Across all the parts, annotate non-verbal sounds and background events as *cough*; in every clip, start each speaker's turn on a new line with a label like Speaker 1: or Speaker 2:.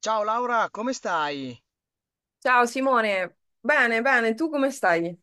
Speaker 1: Ciao Laura, come stai?
Speaker 2: Ciao Simone, bene, bene, tu come stai?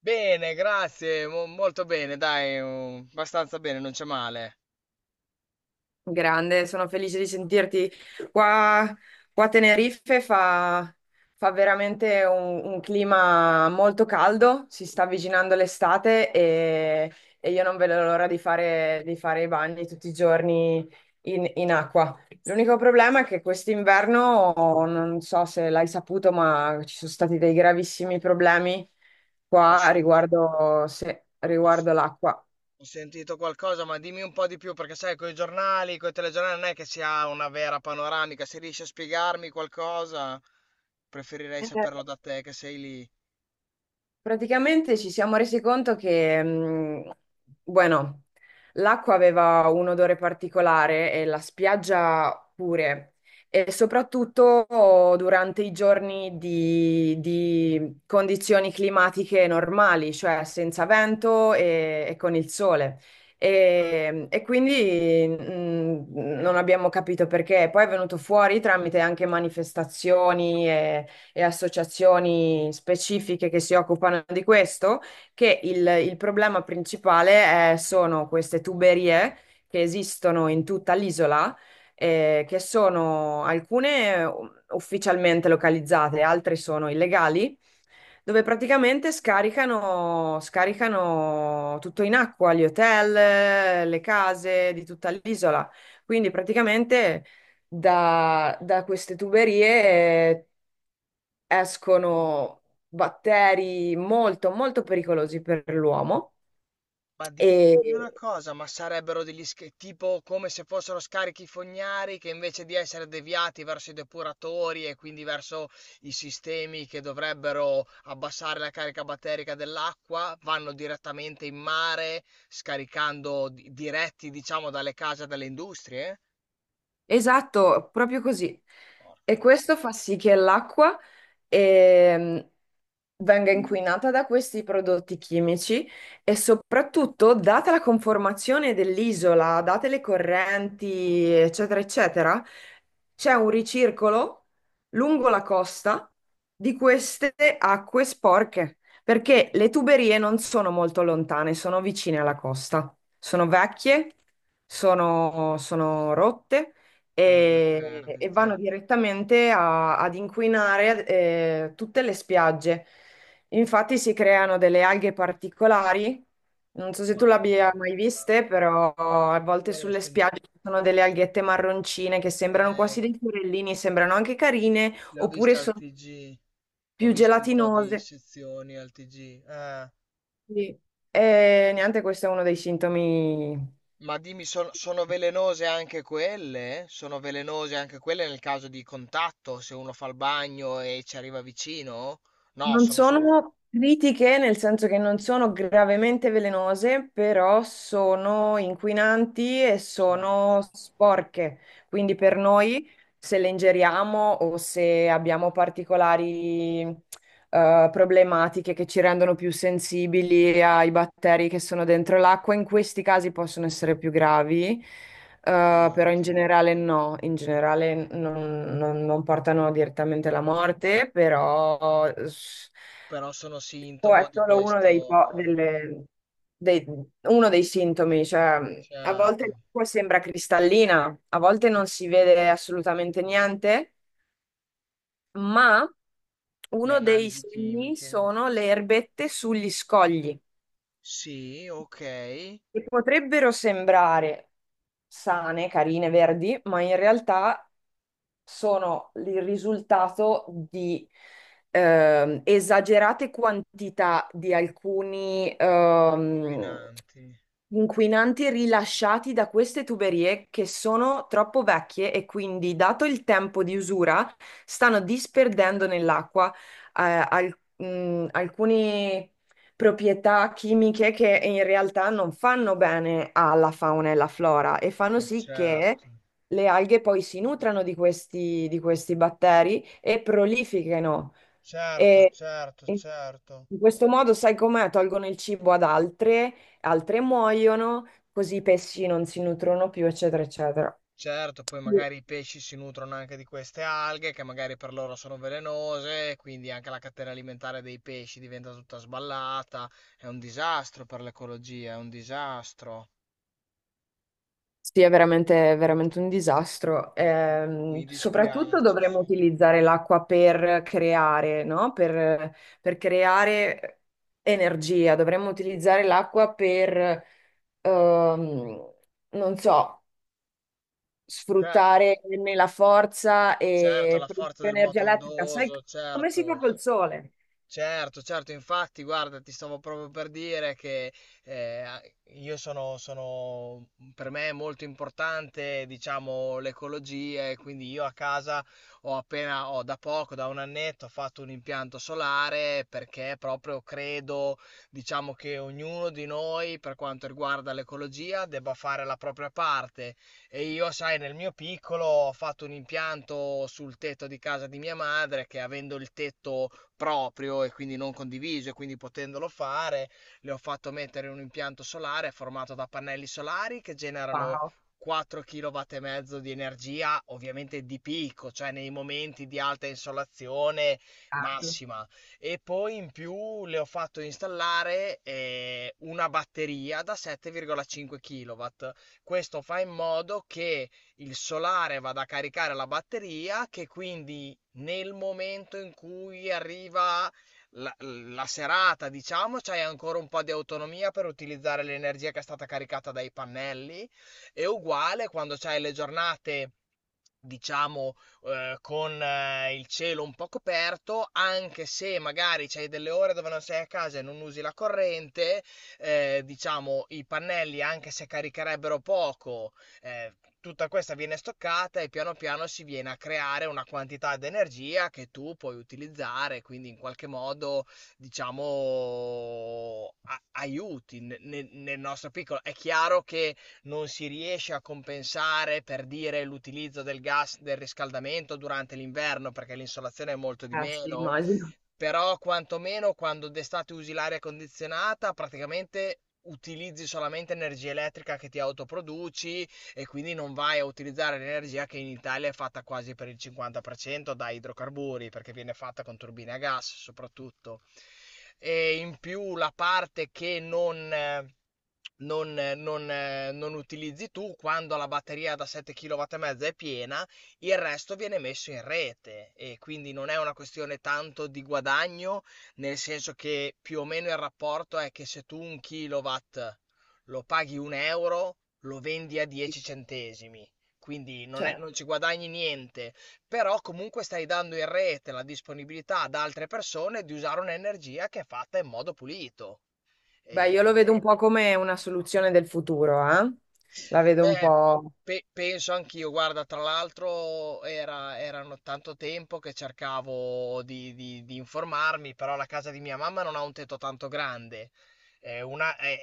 Speaker 1: Bene, grazie, molto bene, dai, abbastanza bene, non c'è male.
Speaker 2: Grande, sono felice di sentirti. Qua, qua a Tenerife fa veramente un clima molto caldo, si sta avvicinando l'estate e io non vedo l'ora di di fare i bagni tutti i giorni in acqua. L'unico problema è che quest'inverno, non so se l'hai saputo, ma ci sono stati dei gravissimi problemi
Speaker 1: Ho
Speaker 2: qua
Speaker 1: sentito,
Speaker 2: riguardo, se-
Speaker 1: ho se-
Speaker 2: riguardo l'acqua.
Speaker 1: ho sentito qualcosa, ma dimmi un po' di più, perché sai, con i giornali, con i telegiornali non è che si ha una vera panoramica, se riesci a spiegarmi qualcosa, preferirei saperlo da te che sei lì.
Speaker 2: Praticamente ci siamo resi conto che, bueno, l'acqua aveva un odore particolare e la spiaggia pure, e soprattutto durante i giorni di condizioni climatiche normali, cioè senza vento e con il sole. E quindi non abbiamo capito perché. Poi è venuto fuori tramite anche manifestazioni e associazioni specifiche che si occupano di questo, che il problema principale sono queste tuberie che esistono in tutta l'isola, che sono alcune ufficialmente localizzate, altre sono illegali, dove praticamente scaricano tutto in acqua, gli hotel, le case di tutta l'isola. Quindi praticamente da queste tuberie escono batteri molto pericolosi per l'uomo
Speaker 1: Ma dimmi,
Speaker 2: e,
Speaker 1: dimmi una cosa, ma sarebbero tipo come se fossero scarichi fognari che invece di essere deviati verso i depuratori e quindi verso i sistemi che dovrebbero abbassare la carica batterica dell'acqua, vanno direttamente in mare, scaricando diretti, diciamo, dalle case e dalle industrie?
Speaker 2: esatto, proprio così.
Speaker 1: Porca
Speaker 2: E questo fa
Speaker 1: miseria,
Speaker 2: sì che l'acqua ehm, venga inquinata da questi prodotti chimici e soprattutto, data la conformazione dell'isola, date le correnti, eccetera, eccetera, c'è un ricircolo lungo la costa di queste acque sporche, perché le tuberie non sono molto lontane, sono vicine alla costa, sono vecchie, sono rotte
Speaker 1: hanno delle
Speaker 2: e vanno
Speaker 1: perdite.
Speaker 2: direttamente ad inquinare tutte le spiagge. Infatti si creano delle alghe particolari, non so se tu
Speaker 1: Mamma
Speaker 2: l'abbia mai
Speaker 1: mia,
Speaker 2: viste, però a volte
Speaker 1: io l'ho
Speaker 2: sulle spiagge
Speaker 1: sentito,
Speaker 2: ci sono delle alghette marroncine che sembrano quasi dei fiorellini, sembrano anche carine,
Speaker 1: le ho viste
Speaker 2: oppure
Speaker 1: al
Speaker 2: sono
Speaker 1: TG. Ho
Speaker 2: più
Speaker 1: visto un po' di
Speaker 2: gelatinose.
Speaker 1: sezioni al TG. Ah,
Speaker 2: Sì. E niente, questo è uno dei sintomi.
Speaker 1: ma dimmi, sono velenose anche quelle? Sono velenose anche quelle nel caso di contatto, se uno fa il bagno e ci arriva vicino? No,
Speaker 2: Non
Speaker 1: sono solo...
Speaker 2: sono critiche, nel senso che non sono gravemente velenose, però sono inquinanti e
Speaker 1: Certo,
Speaker 2: sono sporche. Quindi per noi, se le ingeriamo o se abbiamo particolari problematiche che ci rendono più sensibili ai batteri che sono dentro l'acqua. In questi casi possono essere più gravi, però in
Speaker 1: certo.
Speaker 2: generale no, in generale non portano direttamente alla morte, però eh, s-
Speaker 1: Però sono
Speaker 2: può-
Speaker 1: sintomo
Speaker 2: è
Speaker 1: di
Speaker 2: solo uno dei, po-
Speaker 1: questo...
Speaker 2: delle- dei- uno dei sintomi, cioè a volte
Speaker 1: Certo,
Speaker 2: l'acqua sembra cristallina, a volte non si vede assolutamente niente, ma
Speaker 1: le
Speaker 2: uno dei
Speaker 1: analisi
Speaker 2: segni
Speaker 1: chimiche.
Speaker 2: sono le erbette sugli scogli,
Speaker 1: Sì, ok.
Speaker 2: che potrebbero sembrare sane, carine, verdi, ma in realtà sono il risultato di esagerate quantità di alcuni
Speaker 1: Inquinanti.
Speaker 2: inquinanti rilasciati da queste tuberie che sono troppo vecchie e quindi, dato il tempo di usura, stanno disperdendo nell'acqua eh, alcune proprietà chimiche che in realtà non fanno bene alla fauna e alla flora e fanno
Speaker 1: Ma
Speaker 2: sì che
Speaker 1: certo.
Speaker 2: le alghe poi si nutrano di di questi batteri e prolifichino.
Speaker 1: Certo,
Speaker 2: E,
Speaker 1: certo,
Speaker 2: e
Speaker 1: certo.
Speaker 2: in questo modo, sai com'è? Tolgono il cibo ad altre, altre muoiono, così i pesci non si nutrono più, eccetera, eccetera.
Speaker 1: Certo, poi magari i pesci si nutrono anche di queste alghe che magari per loro sono velenose, quindi anche la catena alimentare dei pesci diventa tutta sballata. È un disastro per l'ecologia, è un disastro.
Speaker 2: Sì, è è veramente un disastro.
Speaker 1: Mi
Speaker 2: Soprattutto
Speaker 1: dispiace,
Speaker 2: dovremmo
Speaker 1: sì.
Speaker 2: utilizzare l'acqua per creare, no? Per creare energia. Dovremmo utilizzare l'acqua per, ehm, non so,
Speaker 1: Cioè,
Speaker 2: sfruttare né la forza
Speaker 1: certo,
Speaker 2: e
Speaker 1: la
Speaker 2: produrre
Speaker 1: forza del
Speaker 2: energia
Speaker 1: moto
Speaker 2: elettrica. Sai
Speaker 1: ondoso,
Speaker 2: come si fa
Speaker 1: certo.
Speaker 2: col sole?
Speaker 1: Certo, certo, infatti, guarda, ti stavo proprio per dire che eh, a- io sono, sono, per me è molto importante, diciamo, l'ecologia e quindi io a casa ho da poco, da un annetto, ho fatto un impianto solare perché proprio credo, diciamo, che ognuno di noi, per quanto riguarda l'ecologia, debba fare la propria parte. E io, sai, nel mio piccolo ho fatto un impianto sul tetto di casa di mia madre che avendo il tetto proprio e quindi non condiviso e quindi potendolo fare, le ho fatto mettere un impianto solare formato da pannelli solari che generano
Speaker 2: Wow,
Speaker 1: 4 kW e mezzo di energia, ovviamente di picco, cioè nei momenti di alta insolazione
Speaker 2: cazzo.
Speaker 1: massima. E poi in più le ho fatto installare una batteria da 7,5 kW. Questo fa in modo che il solare vada a caricare la batteria, che quindi nel momento in cui arriva la serata, diciamo, c'hai ancora un po' di autonomia per utilizzare l'energia che è stata caricata dai pannelli. E uguale quando c'hai le giornate. Diciamo, con il cielo un po' coperto, anche se magari c'hai delle ore dove non sei a casa e non usi la corrente, diciamo, i pannelli, anche se caricherebbero poco, eh, tutta questa viene stoccata e piano piano si viene a creare una quantità di energia che tu puoi utilizzare, quindi in qualche modo, diciamo, aiuti nel nostro piccolo. È chiaro che non si riesce a compensare per dire l'utilizzo del gas del riscaldamento durante l'inverno perché l'insolazione è molto di
Speaker 2: Eh sì,
Speaker 1: meno.
Speaker 2: immagino.
Speaker 1: Però quantomeno quando d'estate usi l'aria condizionata, praticamente utilizzi solamente energia elettrica che ti autoproduci e quindi non vai a utilizzare l'energia che in Italia è fatta quasi per il 50% da idrocarburi, perché viene fatta con turbine a gas soprattutto. E in più la parte che non... non, non utilizzi tu, quando la batteria da 7 kW e mezza è piena, il resto viene messo in rete e quindi non è una questione tanto di guadagno, nel senso che più o meno il rapporto è che se tu un kilowatt lo paghi un euro, lo vendi a 10 centesimi, quindi
Speaker 2: Cioè,
Speaker 1: non ci guadagni niente, però comunque stai dando in rete la disponibilità ad altre persone di usare un'energia che è fatta in modo pulito.
Speaker 2: beh, io lo
Speaker 1: E-
Speaker 2: vedo un po' come una soluzione del futuro, eh? La vedo un
Speaker 1: Beh,
Speaker 2: po'.
Speaker 1: penso anch'io. Guarda, tra l'altro erano tanto tempo che cercavo di informarmi, però la casa di mia mamma non ha un tetto tanto grande. È una,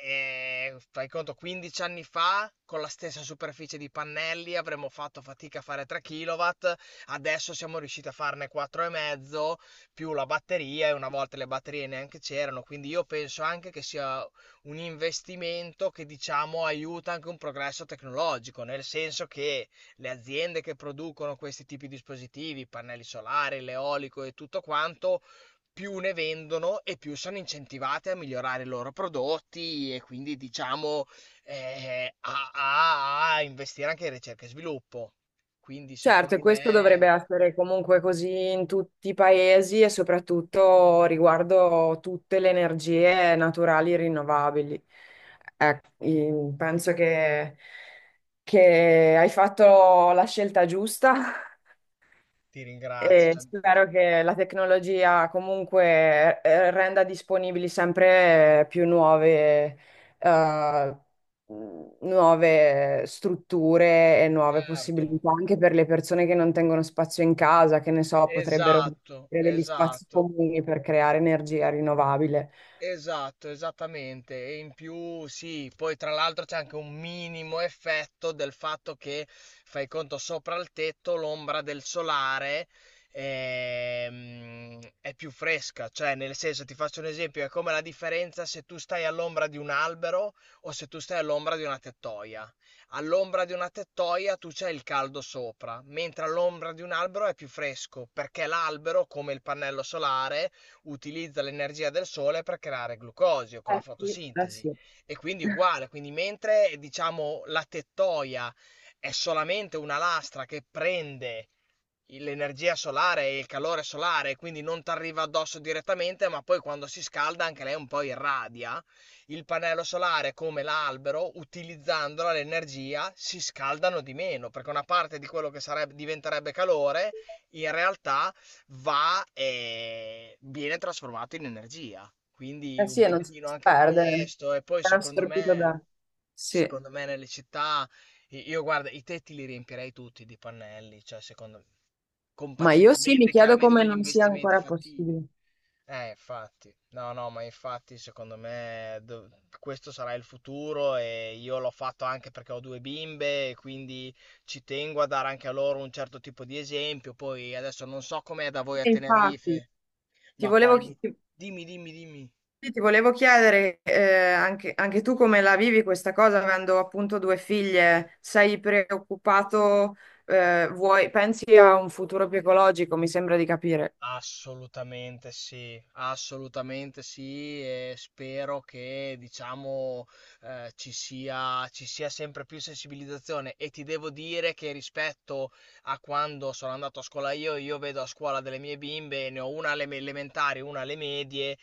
Speaker 1: è- Fai conto, 15 anni fa, con la stessa superficie di pannelli, avremmo fatto fatica a fare 3 kW, adesso siamo riusciti a farne 4,5 più la batteria, e una volta le batterie neanche c'erano, quindi io penso anche che sia un investimento che diciamo aiuta anche un progresso tecnologico, nel senso che le aziende che producono questi tipi di dispositivi, pannelli solari, l'eolico e tutto quanto, più ne vendono e più sono incentivate a migliorare i loro prodotti e quindi diciamo a investire anche in ricerca e sviluppo. Quindi
Speaker 2: Certo, e
Speaker 1: secondo
Speaker 2: questo dovrebbe
Speaker 1: me
Speaker 2: essere comunque così in tutti i paesi e soprattutto riguardo tutte le energie naturali rinnovabili. Ecco, penso che hai fatto la scelta giusta
Speaker 1: ti ringrazio.
Speaker 2: e
Speaker 1: Cioè,
Speaker 2: spero che la tecnologia comunque renda disponibili sempre più eh, nuove strutture e nuove
Speaker 1: certo,
Speaker 2: possibilità anche per le persone che non tengono spazio in casa, che ne so, potrebbero
Speaker 1: esatto,
Speaker 2: avere degli spazi
Speaker 1: esatto.
Speaker 2: comuni per creare energia rinnovabile.
Speaker 1: Esatto, esattamente. E in più, sì, poi tra l'altro c'è anche un minimo effetto del fatto che fai conto sopra il tetto l'ombra del solare è più fresca, cioè nel senso ti faccio un esempio, è come la differenza se tu stai all'ombra di un albero o se tu stai all'ombra di una tettoia. All'ombra di una tettoia tu c'hai il caldo sopra, mentre all'ombra di un albero è più fresco, perché l'albero, come il pannello solare, utilizza l'energia del sole per creare glucosio con la
Speaker 2: Eh sì, eh
Speaker 1: fotosintesi
Speaker 2: sì,
Speaker 1: e quindi uguale, quindi mentre diciamo la tettoia è solamente una lastra che prende l'energia solare e il calore solare, quindi non ti arriva addosso direttamente, ma poi quando si scalda anche lei un po' irradia. Il pannello solare, come l'albero, utilizzandola l'energia, si scaldano di meno, perché una parte di quello che sarebbe, diventerebbe calore, in realtà va e viene trasformato in energia. Quindi
Speaker 2: eh sì,
Speaker 1: un
Speaker 2: e non si
Speaker 1: pochino anche
Speaker 2: perde,
Speaker 1: questo, e poi
Speaker 2: è assorbito da... Sì,
Speaker 1: secondo me nelle città... Io guarda, i tetti li riempirei tutti di pannelli, cioè secondo
Speaker 2: ma io sì, mi
Speaker 1: compatibilmente
Speaker 2: chiedo
Speaker 1: chiaramente con
Speaker 2: come
Speaker 1: gli
Speaker 2: non sia
Speaker 1: investimenti
Speaker 2: ancora
Speaker 1: fattibili.
Speaker 2: possibile.
Speaker 1: Infatti, no, no, ma infatti secondo me questo sarà il futuro e io l'ho fatto anche perché ho due bimbe e quindi ci tengo a dare anche a loro un certo tipo di esempio. Poi adesso non so com'è da voi a
Speaker 2: E infatti,
Speaker 1: Tenerife,
Speaker 2: Ti
Speaker 1: ma qua
Speaker 2: volevo,
Speaker 1: in...
Speaker 2: chi- ti-
Speaker 1: Dimmi, dimmi, dimmi.
Speaker 2: sì, ti volevo chiedere anche tu come la vivi questa cosa, avendo appunto due figlie, sei preoccupato, pensi a un futuro più ecologico, mi sembra di capire.
Speaker 1: Assolutamente sì e spero che diciamo ci sia sempre più sensibilizzazione e ti devo dire che rispetto a quando sono andato a scuola io vedo a scuola delle mie bimbe, ne ho una elementari, una alle medie,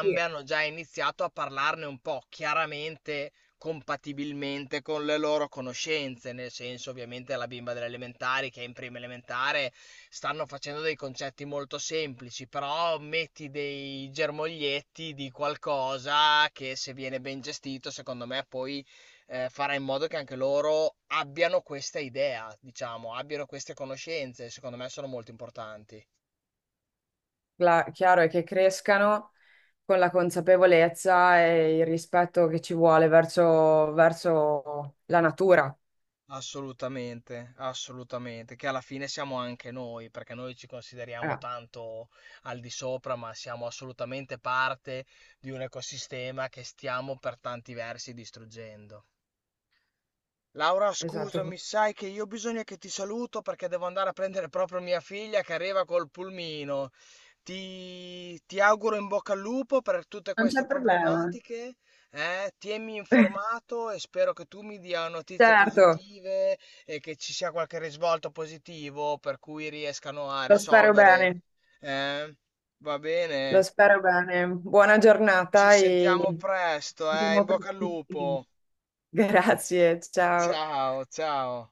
Speaker 2: Sì,
Speaker 1: hanno già iniziato a parlarne un po', chiaramente compatibilmente con le loro conoscenze, nel senso ovviamente la bimba delle elementari che è in prima elementare stanno facendo dei concetti molto semplici, però metti dei germoglietti di qualcosa che se viene ben gestito, secondo me poi farà in modo che anche loro abbiano questa idea, diciamo, abbiano queste conoscenze, secondo me sono molto importanti.
Speaker 2: chiaro è che crescano con la consapevolezza e il rispetto che ci vuole verso, verso la natura.
Speaker 1: Assolutamente, assolutamente, che alla fine siamo anche noi, perché noi ci consideriamo
Speaker 2: Ah,
Speaker 1: tanto al di sopra, ma siamo assolutamente parte di un ecosistema che stiamo per tanti versi distruggendo. Laura,
Speaker 2: esatto.
Speaker 1: scusami, sai che io bisogna che ti saluto perché devo andare a prendere proprio mia figlia che arriva col pulmino. Ti auguro in bocca al lupo per tutte
Speaker 2: Non c'è
Speaker 1: queste
Speaker 2: problema.
Speaker 1: problematiche, eh? Tienimi
Speaker 2: *laughs*
Speaker 1: informato e spero che tu mi dia notizie
Speaker 2: Certo,
Speaker 1: positive e che ci sia qualche risvolto positivo per cui riescano a
Speaker 2: lo spero
Speaker 1: risolvere.
Speaker 2: bene.
Speaker 1: Eh? Va
Speaker 2: Lo
Speaker 1: bene,
Speaker 2: spero bene. Buona
Speaker 1: ci
Speaker 2: giornata e
Speaker 1: sentiamo
Speaker 2: ci
Speaker 1: presto, eh? In
Speaker 2: vediamo
Speaker 1: bocca al
Speaker 2: prestissimo.
Speaker 1: lupo.
Speaker 2: *laughs* Grazie, ciao.
Speaker 1: Ciao, ciao.